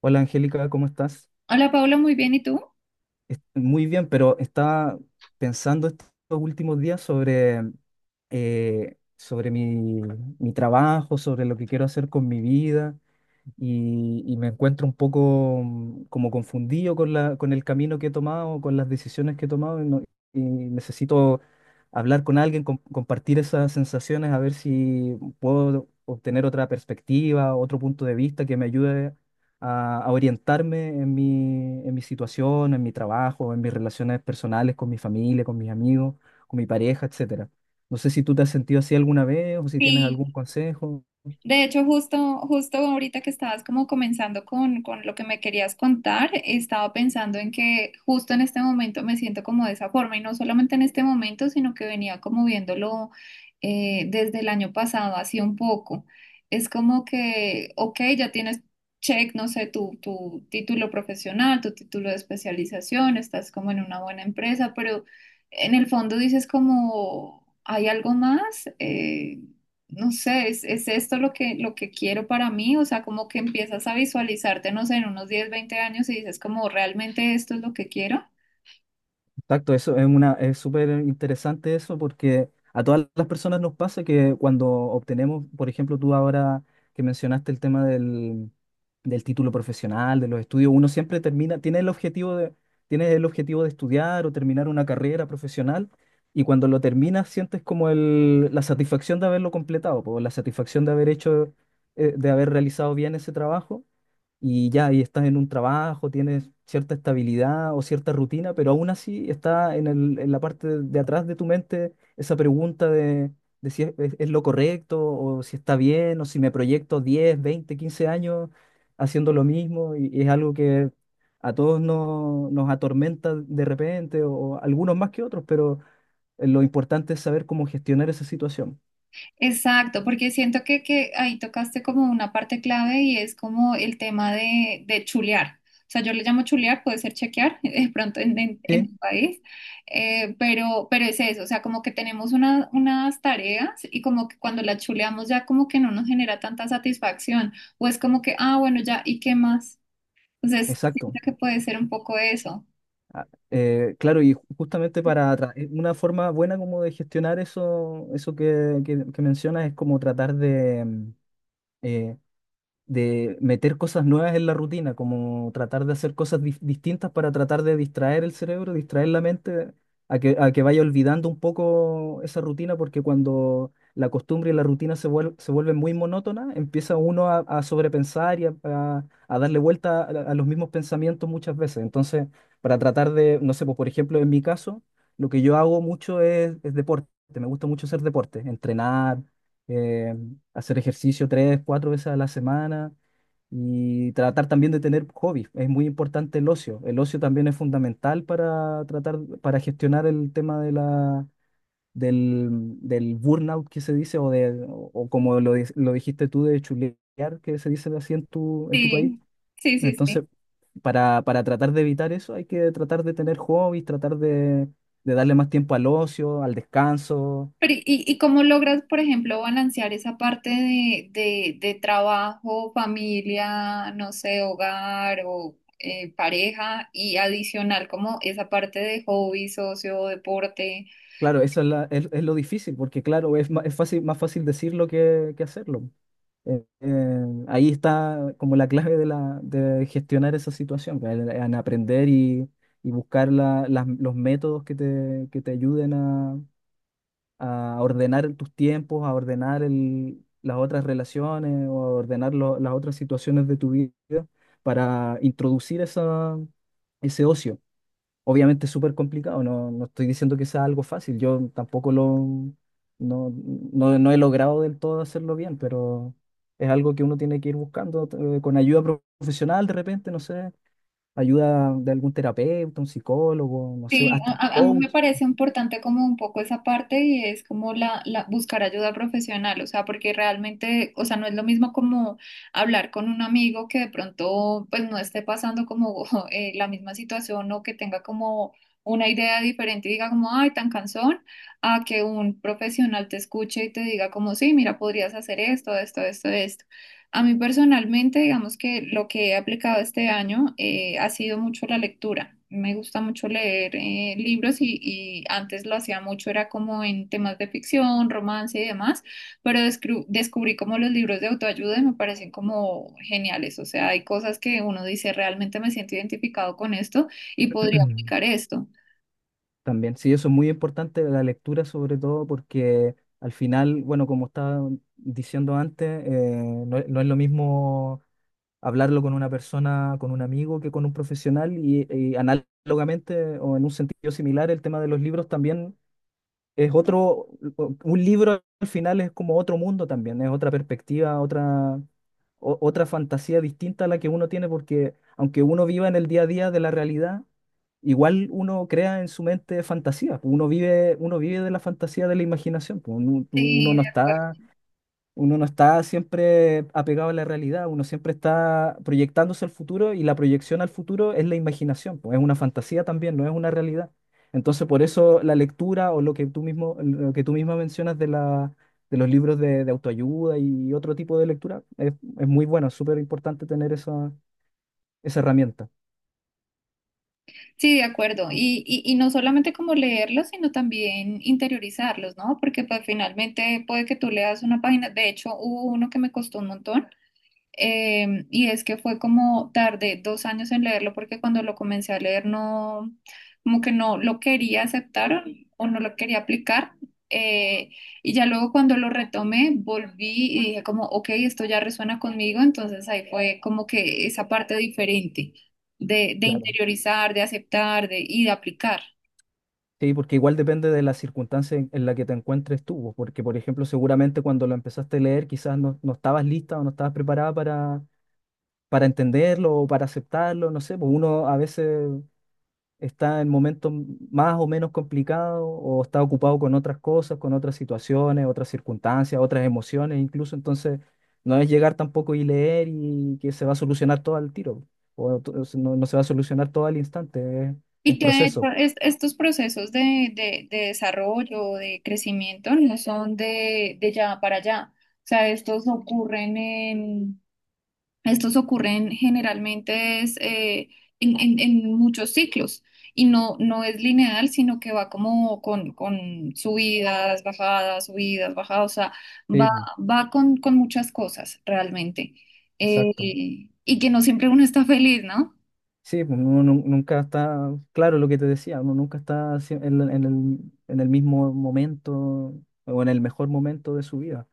Hola Angélica, ¿cómo estás? Hola Paula, muy bien, ¿y tú? Muy bien, pero estaba pensando estos últimos días sobre mi trabajo, sobre lo que quiero hacer con mi vida, y me encuentro un poco como confundido con con el camino que he tomado, con las decisiones que he tomado y, no- y necesito hablar con alguien, compartir esas sensaciones, a ver si puedo obtener otra perspectiva, otro punto de vista que me ayude a orientarme en en mi situación, en mi trabajo, en mis relaciones personales con mi familia, con mis amigos, con mi pareja, etcétera. No sé si tú te has sentido así alguna vez o si tienes Sí. algún consejo. De hecho, justo ahorita que estabas como comenzando con lo que me querías contar, estaba pensando en que justo en este momento me siento como de esa forma y no solamente en este momento, sino que venía como viéndolo desde el año pasado, así un poco. Es como que, ok, ya tienes check, no sé, tu título profesional, tu título de especialización, estás como en una buena empresa, pero en el fondo dices como, ¿hay algo más? No sé, es esto lo que quiero para mí, o sea, como que empiezas a visualizarte, no sé, en unos 10-20 años y dices como, ¿realmente esto es lo que quiero? Exacto, eso es es súper interesante eso, porque a todas las personas nos pasa que cuando obtenemos, por ejemplo, tú ahora que mencionaste el tema del título profesional, de los estudios, tiene el objetivo de estudiar o terminar una carrera profesional, y cuando lo terminas sientes como la satisfacción de haberlo completado, po, la satisfacción de haber realizado bien ese trabajo, y ya, y estás en un trabajo, tienes cierta estabilidad o cierta rutina, pero aún así está en en la parte de atrás de tu mente esa pregunta de si es lo correcto, o si está bien, o si me proyecto 10 20 15 años haciendo lo mismo, y es algo que a todos nos atormenta de repente, o algunos más que otros, pero lo importante es saber cómo gestionar esa situación. Exacto, porque siento que ahí tocaste como una parte clave y es como el tema de chulear. O sea, yo le llamo chulear, puede ser chequear de pronto en Sí, tu país, pero es eso, o sea, como que tenemos una- unas tareas y como que cuando las chuleamos ya como que no nos genera tanta satisfacción, o es como que, ah, bueno, ya, ¿y qué más? Entonces, siento exacto. que puede ser un poco eso. Ah, claro, y justamente una forma buena como de gestionar eso, eso que mencionas es como tratar eh, de meter cosas nuevas en la rutina, como tratar de hacer cosas distintas para tratar de distraer el cerebro, distraer la mente, a que vaya olvidando un poco esa rutina, porque cuando la costumbre y la rutina se vuelven muy monótonas, empieza uno a sobrepensar y a darle vuelta a los mismos pensamientos muchas veces. Entonces, para tratar de, no sé, pues, por ejemplo, en mi caso, lo que yo hago mucho es deporte, me gusta mucho hacer deporte, entrenar. eh, Hacer ejercicio 3, 4 veces a la semana, y tratar también de tener hobbies. Es muy importante el ocio. El ocio también es fundamental para tratar, para gestionar el tema de del burnout, que se dice, o, de, o como lo dijiste tú, de chulear, que se dice así en en tu país. Sí, sí, sí, Entonces, sí. para tratar de evitar eso hay que tratar de tener hobbies, tratar de darle más tiempo al ocio, al descanso. Pero, ¿ y cómo logras, por ejemplo, balancear esa parte de trabajo, familia, no sé, hogar o pareja y adicional como esa parte de hobby, socio, deporte? Claro, eso es lo difícil, porque claro, es fácil, más fácil decirlo que hacerlo. Ahí está como la clave de gestionar esa situación, pues, en aprender y buscar los métodos que te ayuden a ordenar tus tiempos, a ordenar las otras relaciones, o a ordenar las otras situaciones de tu vida, para introducir ese ocio. Obviamente es súper complicado, no estoy diciendo que sea algo fácil, yo tampoco lo, no, no, no he logrado del todo hacerlo bien, pero es algo que uno tiene que ir buscando, con ayuda profesional de repente, no sé, ayuda de algún terapeuta, un psicólogo, no sé, Sí, hasta un a mí me coach. parece importante como un poco esa parte y es como la buscar ayuda profesional, o sea, porque realmente, o sea, no es lo mismo como hablar con un amigo que de pronto pues no esté pasando como la misma situación o que tenga como una idea diferente y diga como, ay, tan cansón, a que un profesional te escuche y te diga como, sí, mira, podrías hacer esto, esto, esto, esto. A mí personalmente, digamos que lo que he aplicado este año ha sido mucho la lectura. Me gusta mucho leer libros y antes lo hacía mucho, era como en temas de ficción, romance y demás, pero descubrí como los libros de autoayuda y me parecen como geniales. O sea, hay cosas que uno dice, realmente me siento identificado con esto y podría aplicar esto. También. Sí, eso es muy importante, la lectura sobre todo, porque al final, bueno, como estaba diciendo antes, no, es no es lo mismo hablarlo con una persona, con un amigo, que con un profesional, y análogamente o en un sentido similar, el tema de los libros también es otro, un libro al final es como otro mundo también, es otra perspectiva, otra fantasía distinta a la que uno tiene, porque aunque uno viva en el día a día de la realidad, igual uno crea en su mente fantasías. Uno vive de la fantasía, de la imaginación. Pues, Sí, de acuerdo. Uno no está siempre apegado a la realidad, uno siempre está proyectándose al futuro, y la proyección al futuro es la imaginación, pues es una fantasía también, no es una realidad. Entonces, por eso la lectura, o lo que lo que tú misma mencionas de de los libros de autoayuda y otro tipo de lectura es muy bueno, es súper importante tener esa herramienta. Sí, de acuerdo. Y no solamente como leerlos, sino también interiorizarlos, ¿no? Porque pues finalmente puede que tú leas una página. De hecho hubo uno que me costó un montón. Y es que fue como tardé 2 años en leerlo porque cuando lo comencé a leer no, como que no lo quería aceptar o no lo quería aplicar. Eh, y ya luego cuando lo retomé, volví y dije como, ok, esto ya resuena conmigo, entonces ahí fue como que esa parte diferente de Claro. interiorizar, de aceptar y de aplicar. Sí, porque igual depende de la circunstancia en la que te encuentres tú, pues, porque por ejemplo, seguramente cuando lo empezaste a leer quizás no estabas lista o no estabas preparada para entenderlo o para aceptarlo, no sé, pues uno a veces está en momentos más o menos complicados, o está ocupado con otras cosas, con otras situaciones, otras circunstancias, otras emociones incluso. Entonces, no es llegar tampoco y leer y que se va a solucionar todo al tiro, o to- no, no se va a solucionar todo al instante, es un Y que de hecho proceso. Estos procesos de desarrollo, de crecimiento, no son de ya para allá. O sea, estos ocurren generalmente es, en muchos ciclos. Y no, no es lineal, sino que va como con subidas, bajadas, subidas, bajadas. O sea, Sí, va, pues, va con muchas cosas realmente. Eh, exacto. y que no siempre uno está feliz, ¿no? Sí, pues, uno nunca está, claro, lo que te decía, uno nunca está en el mismo momento o en el mejor momento de su vida.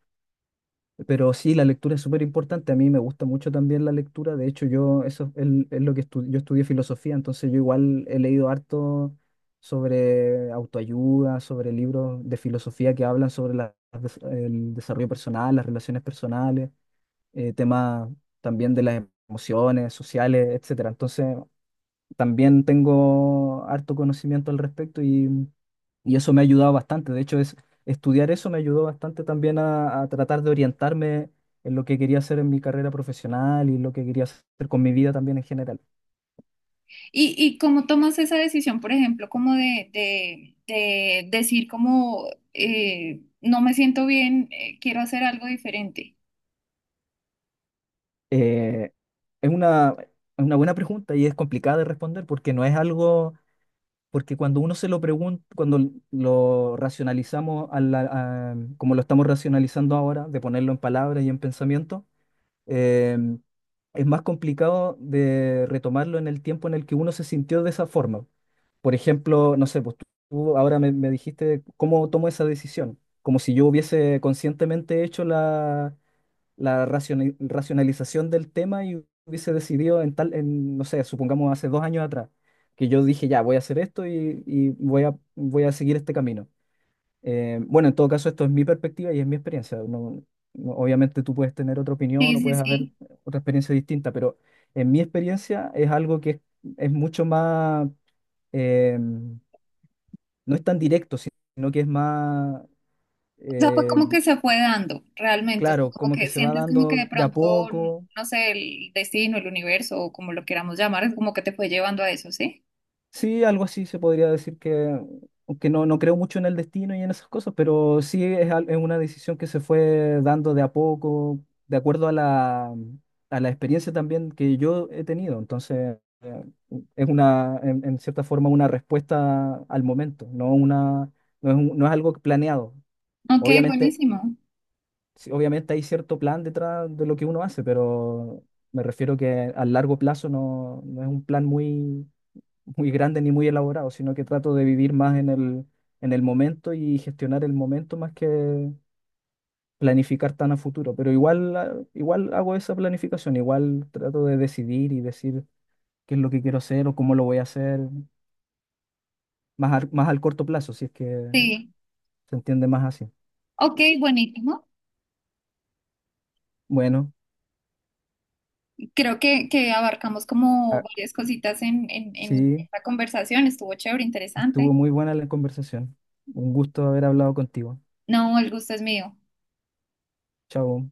Pero sí, la lectura es súper importante. A mí me gusta mucho también la lectura. De hecho, yo, eso es lo que estu- yo estudié filosofía, entonces yo igual he leído harto sobre autoayuda, sobre libros de filosofía que hablan sobre el desarrollo personal, las relaciones personales, temas también de las emociones sociales, etcétera. Entonces, también tengo harto conocimiento al respecto, y eso me ha ayudado bastante. De hecho, estudiar eso me ayudó bastante también a tratar de orientarme en lo que quería hacer en mi carrera profesional, y lo que quería hacer con mi vida también en general. ¿ y cómo tomas esa decisión, por ejemplo, como de decir como no me siento bien, quiero hacer algo diferente? Eh, es una buena pregunta y es complicada de responder, porque no es algo, porque cuando uno se lo pregunta, cuando lo racionalizamos a como lo estamos racionalizando ahora, de ponerlo en palabras y en pensamiento, em, es más complicado de retomarlo en el tiempo en el que uno se sintió de esa forma. Por ejemplo, no sé, pues tú ahora me dijiste cómo tomo esa decisión, como si yo hubiese conscientemente hecho la racionalización del tema, y hubiese decidido en tal, en, no sé, supongamos hace 2 años atrás, que yo dije, ya, voy a hacer esto, y voy a seguir este camino. Bueno, en todo caso, esto es mi perspectiva y es mi experiencia. Obviamente tú puedes tener otra opinión, Sí, o sí, puedes haber sí. otra experiencia distinta, pero en mi experiencia es algo que es mucho más, no es tan directo, sino que es más, O sea, fue eh, como que se fue dando realmente, o sea, claro, como como que que se va sientes como que dando de de a pronto, poco. no sé, el destino, el universo o como lo queramos llamar, es como que te fue llevando a eso, ¿sí? Sí, algo así se podría decir que, aunque no creo mucho en el destino y en esas cosas, pero sí es, es una decisión que se fue dando de a poco, de acuerdo a a la experiencia también que yo he tenido. Entonces, es una, en cierta forma, una respuesta al momento, no es algo planeado. Ok, Obviamente, buenísimo. sí, obviamente hay cierto plan detrás de lo que uno hace, pero me refiero que a largo plazo no es un plan muy muy grande ni muy elaborado, sino que trato de vivir más en en el momento, y gestionar el momento más que planificar tan a futuro. Pero igual, ah, igual hago esa planificación, igual trato de decidir y decir qué es lo que quiero hacer o cómo lo voy a hacer, más al corto plazo, si es que Sí, se entiende más así. ok, buenísimo. Bueno, Creo que abarcamos como ah, varias cositas en sí, esta conversación, estuvo chévere, estuvo interesante. muy buena la conversación. Un gusto haber hablado contigo. No, el gusto es mío. Chao.